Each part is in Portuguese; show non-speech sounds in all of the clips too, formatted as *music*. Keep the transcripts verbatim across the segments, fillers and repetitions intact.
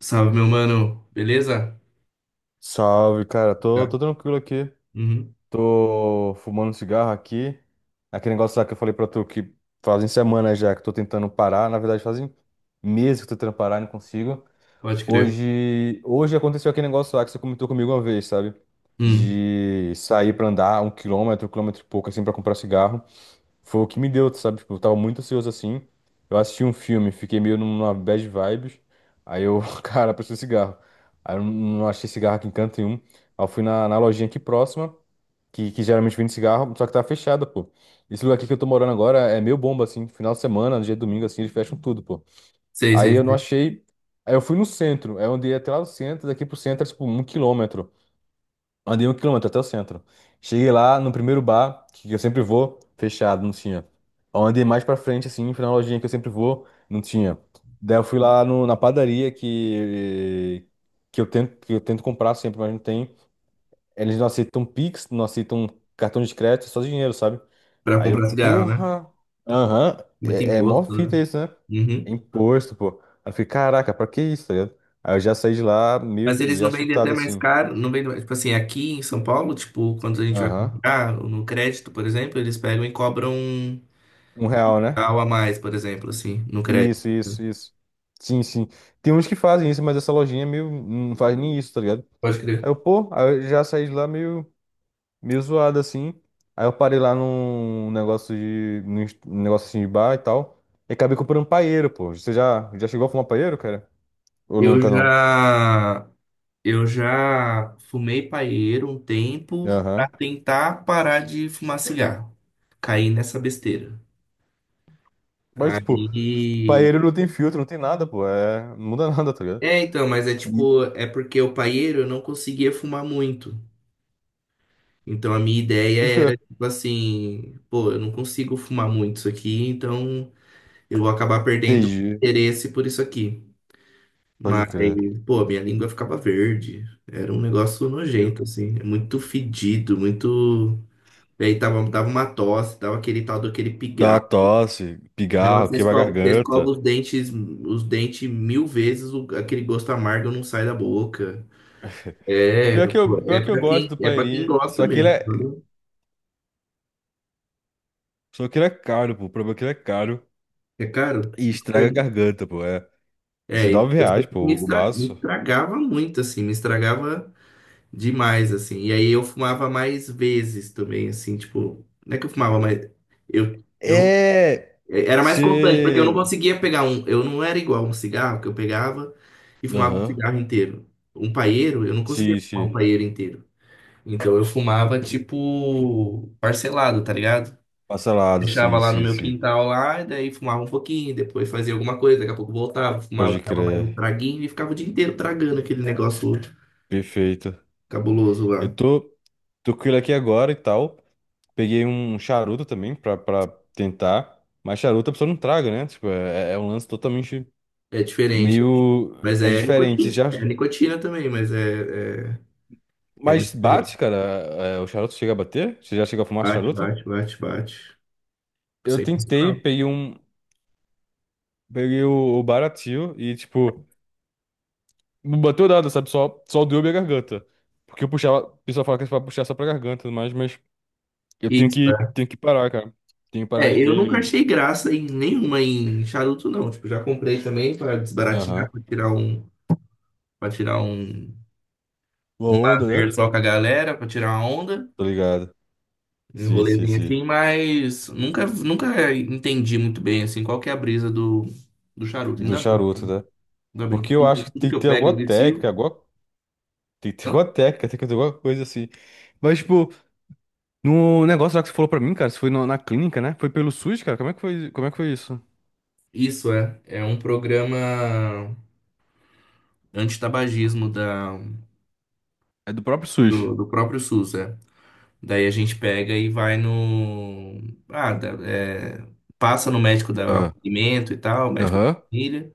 Salve, meu mano. Beleza? Salve, cara. Tô, Tá. tô tranquilo aqui. Uhum. Tô fumando cigarro aqui. Aquele negócio lá que eu falei pra tu que fazem semanas já que eu tô tentando parar. Na verdade, fazem meses que eu tô tentando parar e não consigo. Pode crer. Hoje, hoje aconteceu aquele negócio lá que você comentou comigo uma vez, sabe? Hum. De sair pra andar um quilômetro, um quilômetro e pouco, assim, pra comprar cigarro. Foi o que me deu, sabe? Tipo, eu tava muito ansioso assim. Eu assisti um filme, fiquei meio numa bad vibes. Aí eu, *laughs* cara, preciso de cigarro. Aí eu não achei cigarro aqui em canto nenhum. Aí eu fui na, na lojinha aqui próxima, que, que geralmente vende cigarro, só que tava fechada, pô. Esse lugar aqui que eu tô morando agora é meio bomba, assim. Final de semana, dia de domingo, assim, eles fecham tudo, pô. Sei, Aí sei, eu não sei. achei. Aí eu fui no centro. Aí eu andei até lá no centro, daqui pro centro, é, tipo, um quilômetro. Andei um quilômetro até o centro. Cheguei lá no primeiro bar, que eu sempre vou, fechado, não tinha. Aí eu andei mais pra frente, assim, fui na lojinha que eu sempre vou, não tinha. Daí eu fui lá no- na padaria que, que, eu tento, que eu tento comprar sempre, mas não tem. Eles não aceitam Pix, não aceitam cartão de crédito, é só dinheiro, sabe? Pra Aí eu, comprar cigarro, né? porra, aham, Muito é, é mó imposto, fita né? isso, né? Uhum. Imposto, pô. Aí eu fiquei, caraca, pra que isso, tá ligado? Aí eu já saí de lá meio Mas eles já não vendem até chutado mais assim. caro, não vendem mais. Tipo assim, aqui em São Paulo, tipo, quando a gente vai Aham. comprar no crédito, por exemplo, eles pegam e cobram um Um real, né? real a mais, por exemplo, assim, no crédito. Isso, isso, isso. Sim, sim. Tem uns que fazem isso, mas essa lojinha é meio não faz nem isso, tá ligado? Pode Aí crer. eu, pô, aí eu já saí de lá meio, meio zoado assim. Aí eu parei lá num negócio de, num est- num negócio assim de bar e tal. E acabei comprando paeiro, pô. Você já, já chegou a fumar paeiro, cara? Ou Eu nunca não? já, eu já fumei paieiro um tempo pra Aham. tentar parar de fumar cigarro. Caí nessa besteira. Mas, tipo, Aí. paeiro não tem filtro, não tem nada, pô. É... Não muda *laughs* nada, tá ligado? É, então, mas é tipo, é porque o paieiro eu não conseguia fumar muito. Então a minha ideia Nunca. era, tipo assim, pô, eu não consigo fumar muito isso aqui, então eu vou acabar perdendo o Entendi. interesse por isso aqui. Pode Mas, crer. pô, minha língua ficava verde. Era um negócio Eu- nojento, assim. É muito fedido, muito. E aí tava, dava uma tosse, dava aquele tal daquele Dá pigarro. tosse, O negócio, pigarro, você queima a escova, você escova garganta. os dentes, os dentes mil vezes, o- aquele gosto amargo não sai da boca. *laughs* É, Pior que pô, eu, é pior que eu para gosto quem, do é para quem paeirinho, gosta só que ele mesmo. É, viu? só que ele é caro, pô. O problema é que ele é caro É caro? e Não estraga a lembro. garganta, pô. É É, e 19 eu sei reais, que pô, me o estra- me baço. estragava muito, assim, me estragava demais, assim. E aí eu fumava mais vezes também, assim, tipo, não é que eu fumava mais. Eu, eu É. é, era mais constante, porque eu Se. não conseguia pegar um. Eu não era igual um cigarro que eu pegava e fumava um Aham. cigarro inteiro. Um paeiro, eu não conseguia Sim, fumar um sim. paeiro inteiro. Então eu fumava, tipo, parcelado, tá ligado? Parcelado, Deixava sim, lá no sim, meu sim. quintal lá, e daí fumava um pouquinho, depois fazia alguma coisa, daqui a pouco voltava, fumava, Pode dava mais um crer. traguinho e ficava o dia inteiro tragando aquele negócio Perfeito. cabuloso Eu lá. tô, tô com ele aqui agora e tal. Peguei um charuto também pra, pra tentar. Mas charuto a pessoa não traga, né? Tipo, é, é é um lance totalmente É diferente. meio. Mas É é diferente. Você nicotina. já... É nicotina também, mas é, é, é meio Mas diferente. bate, cara. É, o charuto chega a bater? Você já chegou a fumar Bate, charuto? bate, bate, bate. Eu tentei, Sensacional. peguei um. Peguei o, o baratinho e, tipo, não bateu nada, sabe? Só, só doeu minha garganta. Porque eu puxava. O pessoal fala que é pra puxar só pra garganta, e tudo mais, mas eu tenho Isso, que, né? tenho que parar, cara. Tenho que parar É, de eu vez nunca de. achei graça em nenhuma em charuto, não. Tipo, já comprei também para desbaratinar, Aham. para tirar um, para tirar um, Uma um onda, lazer né? só com a galera, para tirar uma onda. Tô ligado. Um Sim, sim, rolezinho sim. assim, mas nunca, nunca entendi muito bem assim qual que é a brisa do, do charuto. Do Ainda bem, charuto, né? ainda bem que Porque eu acho tudo, que tudo tem que que eu ter pego alguma eu vicio. técnica, alguma... tem que ter Hã? alguma técnica, tem que ter alguma coisa assim. Mas, tipo, no negócio lá que você falou pra mim, cara, você foi no- na clínica, né? Foi pelo SUS, cara? Como é que foi, como é que foi isso? Isso é, é um programa antitabagismo da, É do próprio SUS. do, do próprio SUS, é. Daí a gente pega e vai no. Ah, da- é, passa no médico do Ah, acolhimento e tal, médico da aham. família.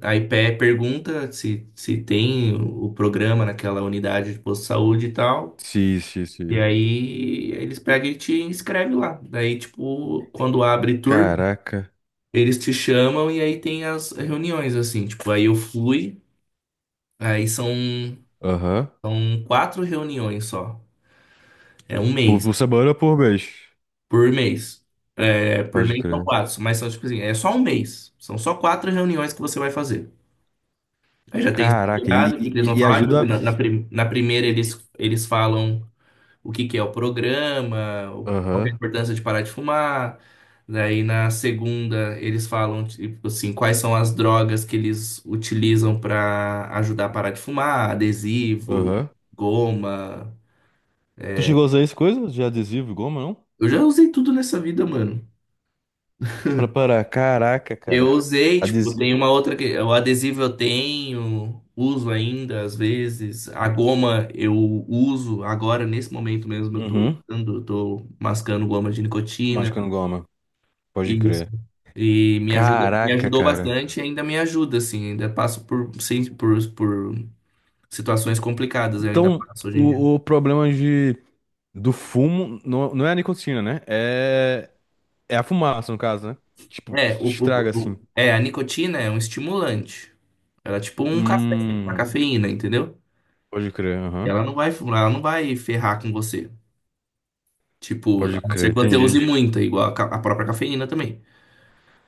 Aí pe- pergunta se, se tem o o programa naquela unidade de posto de saúde e tal. Sim, sim, E sim. aí eles pegam e te inscrevem lá. Daí, tipo, quando abre turma, Caraca. eles te chamam e aí tem as reuniões, assim. Tipo, aí eu fui, aí são, Aham. são quatro reuniões só. É um Por, mês, por semana ou por mês? por mês. É, por Pode mês são crer. quatro, mas são, tipo assim, é só um mês. São só quatro reuniões que você vai fazer. Aí já tem Caraca, e, estruturado o que que eles vão e, e falar. Tipo, ajuda. na, na, prim- na primeira E- eles, eles falam o que que é o programa, o- qual que é a aham, importância de parar de fumar. Daí na segunda eles falam tipo assim, quais são as drogas que eles utilizam para ajudar a parar de fumar, adesivo, aham. goma. Tu chegou a usar isso, coisa de adesivo e goma, não? Eu já usei tudo nessa vida, mano. Pra parar. Caraca, Eu cara. usei, tipo, tem uma Adesivo. outra que o adesivo eu tenho, uso ainda às vezes. A goma eu uso agora nesse momento mesmo eu tô Uhum. usando, eu tô mascando goma de Mas nicotina. quando goma. Pode e crer. E me ajuda, me Caraca, ajudou bastante cara. e ainda me ajuda, assim, ainda passo por, sim, por, por situações complicadas, eu ainda Então, passo hoje em dia. o, o problema de, do fumo não, não é a nicotina, né? É, é a fumaça, no caso, né? Tipo, É, o, estraga o- assim. o- é, a nicotina é um estimulante. Ela é tipo um café, uma Hum, cafeína, entendeu? pode crer, aham. Ela não vai, ela não vai ferrar com você. Tipo, Pode a não ser crer, que você use entendi. muita, igual a, ca- a própria cafeína também,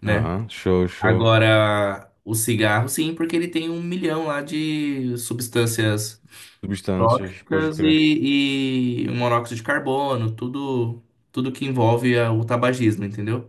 né? Aham, show, show. Agora, o cigarro, sim, porque ele tem um milhão lá de substâncias Substâncias, pode tóxicas crer. e, e o monóxido de carbono, tudo, tudo que envolve a- o tabagismo, entendeu?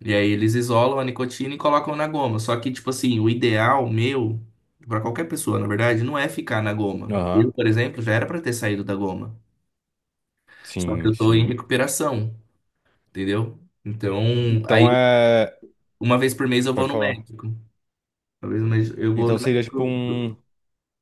E aí eles isolam a nicotina e colocam na goma. Só que, tipo assim, o ideal meu, pra qualquer pessoa, na verdade, não é ficar na goma. Eu, Aham, por exemplo, já era pra ter saído da goma. Só que sim, eu tô em sim. recuperação, entendeu? Então, Então aí, é. uma vez por mês eu vou Pode no falar. médico. Uma vez no mês eu vou Então no seria tipo médico, do um.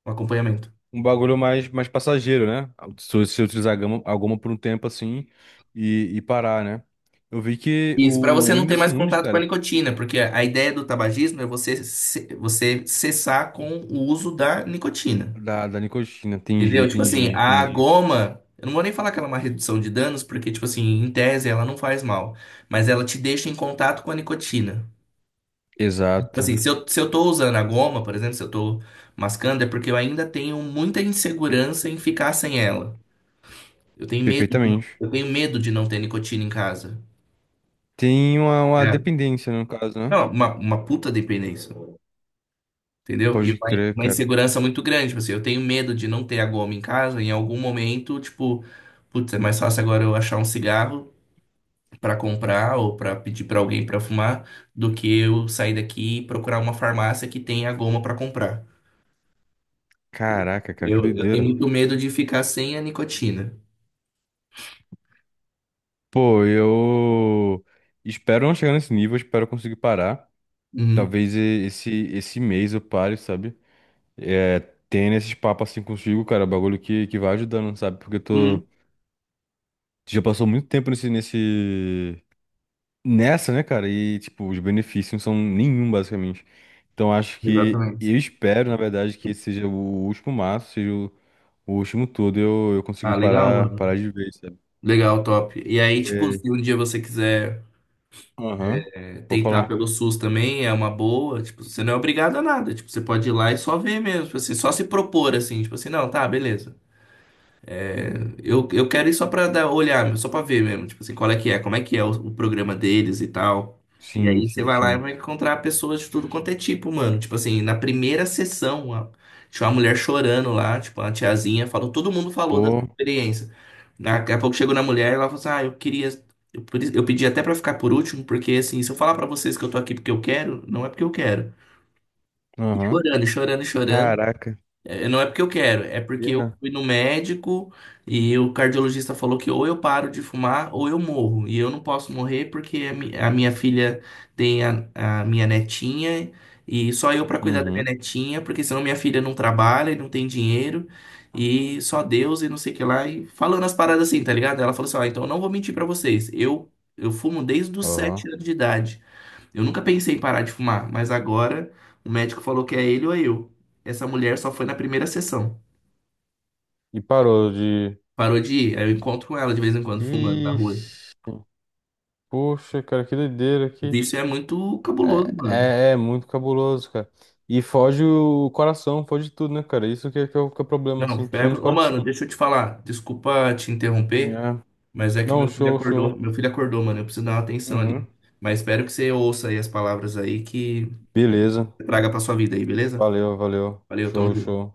acompanhamento. Um bagulho mais, mais passageiro, né? Se você utilizar gama- alguma por um tempo assim e, e parar, né? Eu vi que Isso, para o, o você não ter Whindersson mais Nunes, contato com a cara, nicotina, porque a ideia do tabagismo é você, ce- você cessar com o uso da nicotina. da, da nicotina, entendi, Entendeu? Tipo entendi, assim, a entendi. goma, eu não vou nem falar que ela é uma redução de danos, porque, tipo assim, em tese ela não faz mal, mas ela te deixa em contato com a nicotina. Tipo Exato, assim, se eu, se eu tô usando a goma, por exemplo, se eu tô mascando, é porque eu ainda tenho muita insegurança em ficar sem ela. Eu tenho medo de não, perfeitamente. eu tenho medo de não ter nicotina em casa. Tem uma, uma É. dependência, no caso, né? Não, uma, uma puta dependência. Entendeu? E Pode uma, crer, uma cara. insegurança muito grande. Tipo assim, eu tenho medo de não ter a goma em casa, em algum momento, tipo, putz, é mais fácil agora eu achar um cigarro pra comprar ou pra pedir pra alguém pra fumar do que eu sair daqui e procurar uma farmácia que tenha a goma pra comprar. Caraca, cara, que Eu, eu tenho doideira. muito medo de ficar sem a nicotina. Pô, eu espero não chegar nesse nível, espero conseguir parar. Uhum. Talvez e- esse, esse mês eu pare, sabe? É, tendo esses papos assim consigo, cara, é um bagulho que, que vai ajudando, sabe? Porque eu Uhum. tô. Já passou muito tempo nesse, nesse. Nessa, né, cara? E, tipo, os benefícios não são nenhum, basicamente. Então, acho que. Exatamente. Eu espero, na verdade, que esse seja o último maço, seja o, o último todo, eu, eu conseguir Ah, legal, parar, mano. parar de vez, sabe? Legal, top. E aí, tipo, Porque. se um dia você quiser, Aham. Vou tentar falar. pelo SUS também é uma boa, tipo, você não é obrigado a nada, tipo, você pode ir lá e só ver mesmo, tipo assim, só se propor assim, tipo assim, não, tá, beleza. Eu, eu quero ir só pra dar, olhar, só pra ver mesmo, tipo assim, qual é que é, como é que é o, o programa deles e tal. E Sim, aí você sim, vai lá e sim. vai encontrar pessoas de tudo quanto é tipo, mano. Tipo assim, na primeira sessão, a- tinha uma mulher chorando lá, tipo, uma tiazinha falou, todo mundo falou dessa Pô. experiência. Daqui a pouco chegou na mulher e ela falou assim, ah, eu queria, eu, por isso- eu pedi até pra ficar por último, porque assim, se eu falar pra vocês que eu tô aqui porque eu quero, não é porque eu quero. E Aham. chorando, e chorando, e chorando. Caraca. É, não é porque eu quero, é porque eu Era. fui no médico e o cardiologista falou que ou eu paro de fumar ou eu morro. E eu não posso morrer porque a mi- a minha filha tem a, a minha netinha e só eu para cuidar da minha Uhum. netinha, porque senão minha filha não trabalha e não tem dinheiro e só Deus e não sei o que lá. E falando as paradas assim, tá ligado? Ela falou assim: ó, então eu não vou mentir para vocês, eu, eu fumo desde os sete Aham. anos de idade. Eu nunca pensei em parar de fumar, mas agora o médico falou que é ele ou é eu. Essa mulher só foi na primeira sessão. E parou de. Parou de ir. Aí eu encontro ela de vez em quando fumando na rua. Ixi. Poxa, cara, que doideira aqui. Isso é muito cabuloso, É, mano. é, é muito cabuloso, cara. E foge o coração, foge tudo, né, cara? Isso que é, que é o, que é o problema, assim, Não, pega. precisamos de Ô, coração. mano, deixa eu te falar. Desculpa te interromper, É. mas é que Não, meu filho show, show. acordou. Meu filho acordou, mano. Eu preciso dar uma atenção ali. Uhum. Mas espero que você ouça aí as palavras aí que Beleza. traga pra sua vida aí, beleza? Valeu, valeu. Valeu, tamo Show, junto. show.